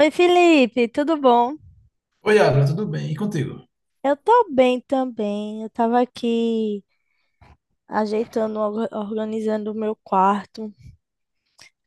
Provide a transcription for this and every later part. Oi, Felipe, tudo bom? Oi, Abra, tudo bem? E contigo? Eu tô bem também. Eu tava aqui organizando o meu quarto.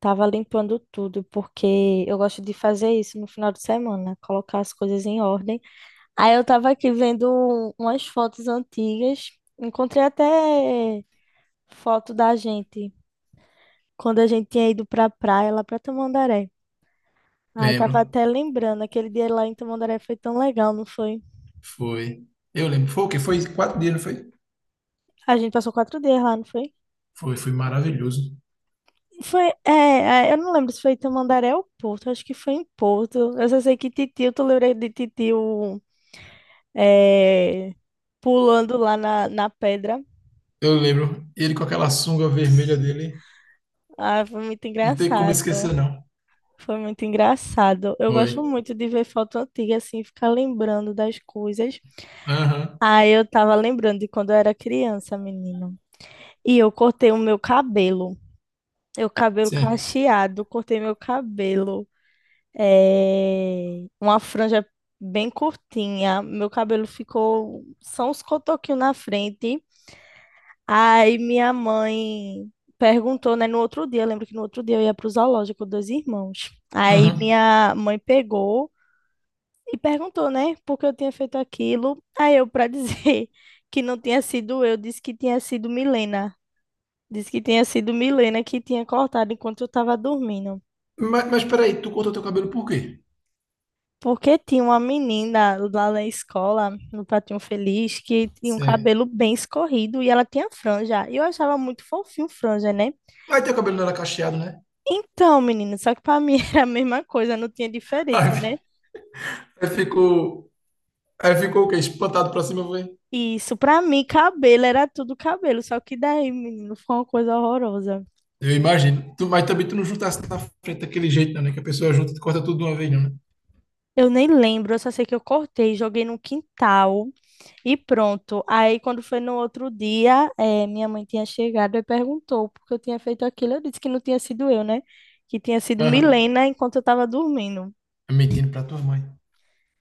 Tava limpando tudo, porque eu gosto de fazer isso no final de semana, colocar as coisas em ordem. Aí eu tava aqui vendo umas fotos antigas. Encontrei até foto da gente, quando a gente tinha ido pra praia lá pra Tamandaré. Aí tava Lembro. até lembrando, aquele dia lá em Tamandaré foi tão legal, não foi? Foi. Eu lembro. Foi o quê? Foi 4 dias, não foi? A gente passou 4 dias lá, não foi? Foi, foi maravilhoso. Foi, eu não lembro se foi em Tamandaré ou Porto, acho que foi em Porto. Eu só sei que Titio, tu lembra de Titio é, pulando lá na pedra? Eu lembro. Ele com aquela sunga vermelha dele. Ah, foi muito Não tem como engraçado. esquecer, não. Foi muito engraçado. Eu Foi. gosto muito de ver foto antiga, assim, ficar lembrando das coisas. Aham. Aí eu tava lembrando de quando eu era criança, menino. E eu cortei o meu cabelo. Eu cabelo Sim. cacheado, cortei meu cabelo. É, uma franja bem curtinha. Meu cabelo ficou só uns cotoquinhos na frente. Aí minha mãe perguntou, né, no outro dia, eu lembro que no outro dia eu ia pro zoológico com dois irmãos. Aí Aham. minha mãe pegou e perguntou, né, por que eu tinha feito aquilo. Aí eu, pra dizer que não tinha sido eu, disse que tinha sido Milena. Disse que tinha sido Milena que tinha cortado enquanto eu tava dormindo. Mas peraí, tu cortou teu cabelo por quê? Porque tinha uma menina lá na escola, no Pratinho Feliz, que tinha um Sim. cabelo bem escorrido e ela tinha franja. E eu achava muito fofinho franja, né? Mas teu cabelo não era cacheado, né? Então, menina, só que pra mim era a mesma coisa, não tinha Aí, diferença, né? Aí ficou. Aí ficou o quê? Espantado pra cima, foi? E isso, pra mim, cabelo era tudo cabelo, só que daí, menino, foi uma coisa horrorosa. Eu imagino. Mas também tu não juntasse na frente daquele jeito, não, né? Que a pessoa junta e corta tudo de uma vez, não, né? Eu nem lembro, eu só sei que eu cortei, joguei no quintal. E pronto. Aí, quando foi no outro dia, minha mãe tinha chegado e perguntou por que eu tinha feito aquilo. Eu disse que não tinha sido eu, né? Que tinha sido Aham. Milena enquanto eu estava dormindo. É. Mentindo pra tua mãe.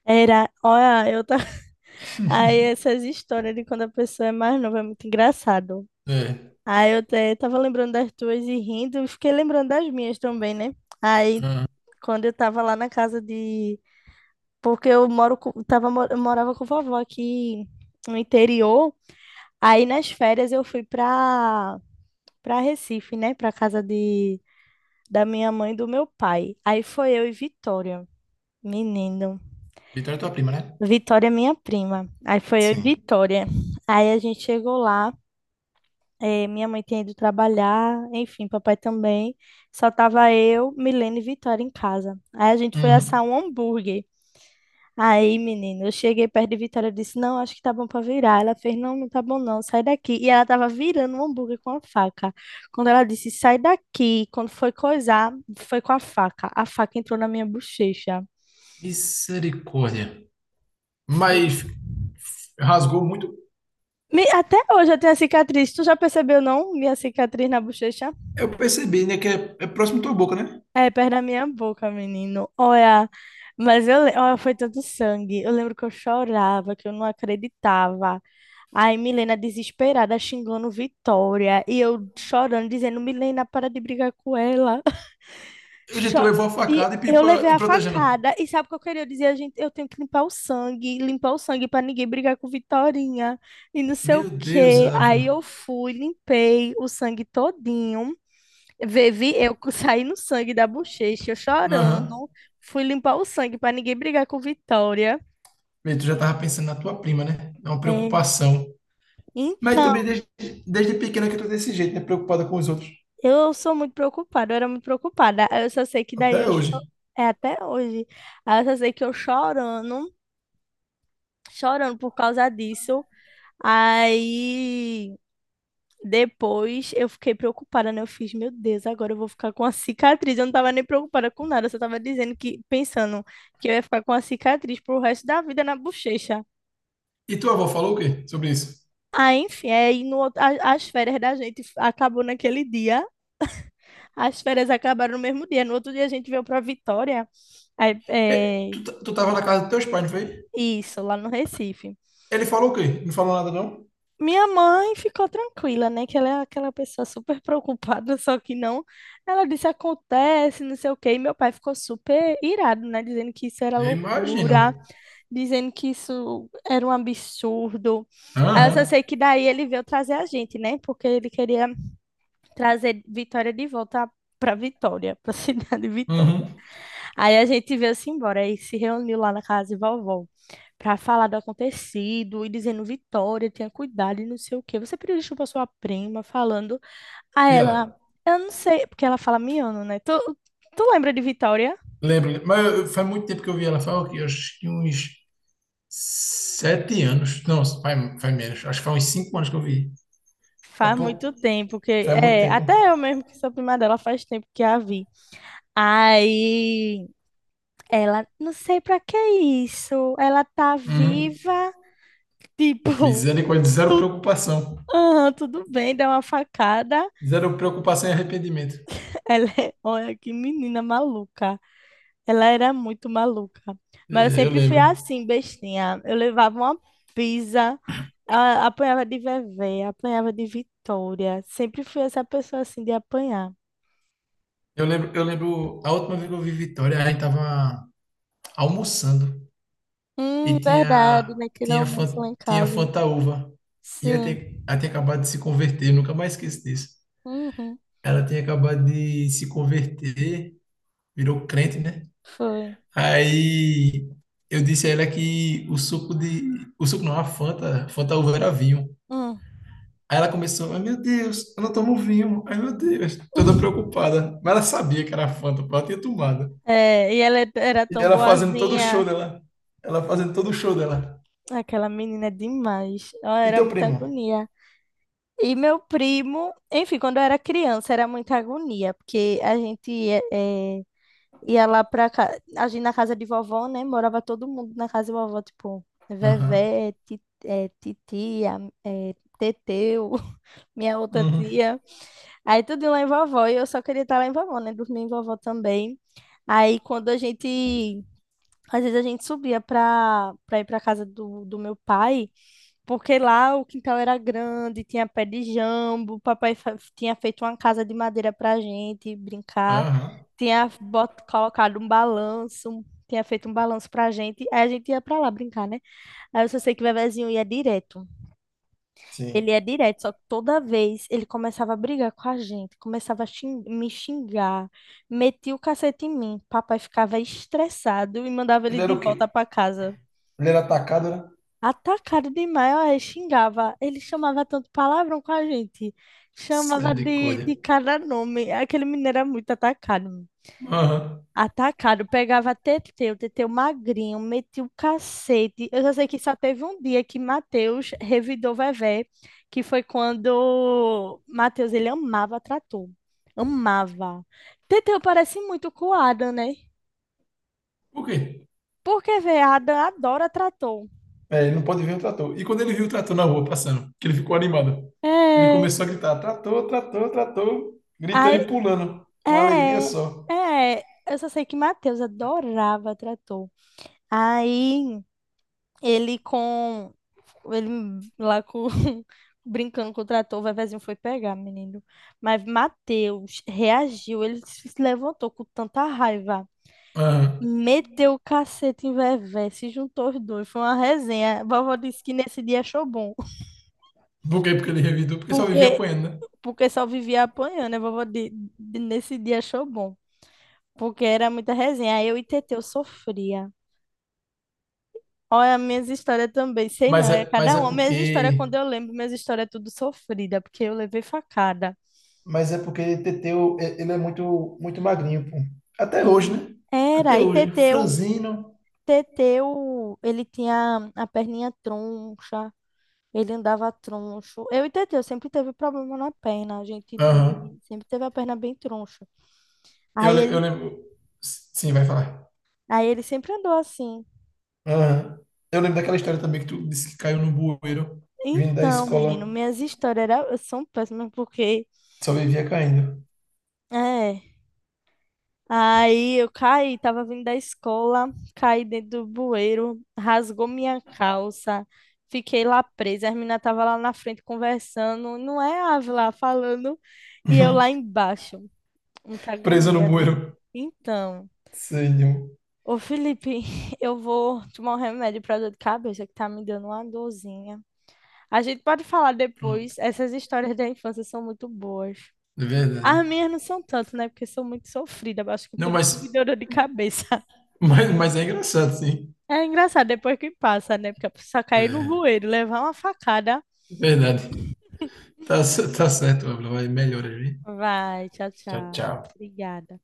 Era, olha, eu tava... Aí, essas histórias de quando a pessoa é mais nova é muito engraçado. É. Aí, tava lembrando das tuas e rindo, e fiquei lembrando das minhas também, né? Aí, Ah, quando eu tava lá na casa de. Porque eu moro com... tava... mo- eu morava com vovó aqui no interior. Aí nas férias eu fui pra para Recife, né? Para casa de da minha mãe e do meu pai. Aí foi eu e Vitória, menino. Vitória é tua prima, né? Vitória é minha prima. Aí foi eu e Sim. Vitória. Aí a gente chegou lá, minha mãe tinha ido trabalhar, enfim, papai também. Só tava eu, Milene e Vitória em casa. Aí a gente foi assar Uhum. um hambúrguer. Aí, menina, eu cheguei perto de Vitória e disse: Não, acho que tá bom pra virar. Ela fez: Não, não tá bom não, sai daqui. E ela tava virando um hambúrguer com a faca. Quando ela disse: Sai daqui, quando foi coisar, foi com a faca. A faca entrou na minha bochecha. Misericórdia. Mas rasgou muito. Até hoje eu tenho a cicatriz. Tu já percebeu, não? Minha cicatriz na bochecha? Eu percebi, né, que é próximo à tua boca, né? É, perto da minha boca, menino. Olha, mas eu, olha, foi tanto sangue. Eu lembro que eu chorava, que eu não acreditava. Aí Milena desesperada xingando Vitória e eu chorando, dizendo: Milena, para de brigar com ela. Eu já tu Cho- levou a E facada e eu pipa levei e a protegendo. facada. E sabe o que eu queria dizer? A gente, eu tenho que limpar o sangue para ninguém brigar com Vitorinha e não sei o Meu Deus, quê. Aí Ávila. eu fui, limpei o sangue todinho. Vivi, eu saí no sangue da bochecha, eu Aham. chorando. Fui limpar o sangue para ninguém brigar com Vitória. Bem, tu já tava pensando na tua prima, né? É uma É, preocupação. Mas então, também desde pequena que eu tô desse jeito, né? Preocupada com os outros. eu sou muito preocupada, eu era muito preocupada. Aí eu só sei que daí eu Até hoje. é até hoje. Aí eu só sei que eu chorando, chorando por causa disso. Aí depois eu fiquei preocupada, né? Eu fiz, meu Deus, agora eu vou ficar com a cicatriz. Eu não tava nem preocupada com nada, eu só tava dizendo que pensando que eu ia ficar com a cicatriz pro resto da vida na bochecha. E tua avó falou o quê sobre isso? Ah, enfim, aí no, outro- a- as férias da gente acabou naquele dia, as férias acabaram no mesmo dia. No outro dia a gente veio para Vitória, aí, É, é, tu tava na casa dos teus pais, não foi? isso, lá no Recife. Ele falou o quê? Não falou nada, não? Minha mãe ficou tranquila, né? Que ela é aquela pessoa super preocupada, só que não. Ela disse, acontece, não sei o quê. E meu pai ficou super irado, né? Dizendo que isso era Eu imagino. loucura, dizendo que isso era um absurdo. Aí eu Aham, só sei que daí ele veio trazer a gente, né? Porque ele queria trazer Vitória de volta para Vitória, para a cidade de Vitória. uhum. Aí a gente veio-se embora e se reuniu lá na casa de vovó para falar do acontecido e dizendo: Vitória, tenha cuidado e não sei o quê. Você pediu desculpa à sua prima, falando a E ela? ela. Eu não sei, porque ela fala miano, né? Tu lembra de Vitória? Lembro, mas faz muito tempo que eu vi ela, faz o quê? Acho que uns 7 anos. Não, faz menos. Acho que faz uns 5 anos que eu vi. Faz Faz pouco, muito tempo que. faz muito É, tempo. até eu mesmo que sou prima dela, faz tempo que a vi. Aí ela, não sei pra que isso. Ela tá Uhum. viva. Tipo, Misericórdia, zero Tu- preocupação. aham, tudo bem, dá uma facada. Zero preocupação e arrependimento. Ela é, olha que menina maluca. Ela era muito maluca. É, Mas eu eu sempre fui lembro. assim, bestinha. Eu levava uma pisa, apanhava de Vevé, apanhava de Vitória. Sempre fui essa pessoa assim de apanhar. Eu lembro, a última vez que eu vi Vitória, a gente tava almoçando e Verdade, naquele almoço lá em tinha casa. Fantaúva. E Sim. até aí acabado de se converter, nunca mais esqueço disso. Uhum, Ela tinha acabado de se converter, virou crente, né? foi. Aí eu disse a ela que o suco de. O suco não, a Fanta, Fanta uva era vinho. Hum. Aí ela começou, ai meu Deus, eu não tomo vinho, ai meu Deus, toda preocupada. Mas ela sabia que era Fanta, porque ela tinha tomado. É, e ela era E tão ela fazendo todo o show boazinha. dela. Ela fazendo todo o show dela. Aquela menina é demais. Ela E era teu muita primo? agonia. E meu primo, enfim, quando eu era criança era muita agonia, porque a gente ia, ia lá pra casa, a gente na casa de vovó, né? Morava todo mundo na casa de vovó, tipo, Aham, Vevé, titia, Teteu, minha outra uhum, tia. Aí tudo lá em vovó, e eu só queria estar lá em vovó, né? Dormir em vovó também. Aí quando a gente, às vezes a gente subia pra ir pra casa do meu pai, porque lá o quintal era grande, tinha pé de jambo, o papai tinha feito uma casa de madeira pra gente brincar, aham, tinha bot colocado um balanço, tinha feito um balanço pra gente, aí a gente ia pra lá brincar, né? Aí eu só sei que o Vevezinho ia direto. sim. Ele ia direto, só que toda vez ele começava a brigar com a gente, começava a me xingar, metia o cacete em mim. Papai ficava estressado e mandava ele Ele era de o quê? volta pra casa. Ele era atacado, né? Atacado demais, olha, xingava. Ele chamava tanto palavrão com a gente. Chamava Misericórdia. de cada nome. Aquele menino era muito atacado. Aham. Atacado, pegava Teteu, Teteu magrinho, metia o cacete. Eu já sei que só teve um dia que Matheus revidou Vevé, que foi quando Matheus, ele amava trator. Amava. Teteu parece muito com o Adam, né? Por quê? Porque, vê, Adam adora trator. É, ele não pode ver o trator. E quando ele viu o trator na rua passando, que ele ficou animado, ele É. começou a gritar: trator, trator, trator, gritando e Aí pulando. Uma alegria É, só. Eu só sei que Matheus adorava trator. Aí ele com ele lá com brincando com o trator, o vevezinho foi pegar, menino. Mas Matheus reagiu, ele se levantou com tanta raiva. Aham. Meteu o cacete em Vevé, se juntou os dois, foi uma resenha. A vovó disse que nesse dia achou bom, Por quê? Porque ele revidou, porque só vivia porque, apanhando, né? porque só vivia apanhando. A vovó nesse dia achou bom, porque era muita resenha. Aí eu e Teteu sofria. Olha, minhas histórias também, sei não, Mas é é, mas cada é uma. Minhas histórias, porque. quando eu lembro, minhas histórias é tudo sofrida, porque eu levei facada. Mas é porque Teteu, ele é muito, muito magrinho, pô. Até hoje, né? Até Era, e hoje. Teteu, Franzino. Teteu, ele tinha a perninha troncha, ele andava troncho. Eu e Teteu sempre teve problema na perna, a gente Aham. teve, sempre teve a perna bem troncha. Aí Eu ele, lembro. Sim, vai falar. aí ele sempre andou assim. Aham. Eu lembro daquela história também que tu disse que caiu no bueiro, vindo da Então, menino, escola, minhas histórias era, são péssimas, porque... só vivia caindo. É. Aí eu caí, tava vindo da escola, caí dentro do bueiro, rasgou minha calça, fiquei lá presa. As meninas estavam lá na frente conversando, não é Ave lá falando, e eu Uhum. lá embaixo. Muita Presa no agonia, velho. bueiro. Então, Senhor. ô Felipe, eu vou tomar um remédio pra dor de cabeça que tá me dando uma dorzinha. A gente pode falar Pronto. depois, essas histórias da infância são muito boas. É verdade. As minhas não são tanto, né? Porque sou muito sofrida, acho que Não, por isso que me deu dor de cabeça. Mas é engraçado, sim. É engraçado depois que passa, né? Porque a pessoa cair no É, bueiro, levar uma facada. verdade. Tá, tá certo, Abla. Vai, melhora, viu? Vai, tchau, Tchau, tchau. tchau. Obrigada.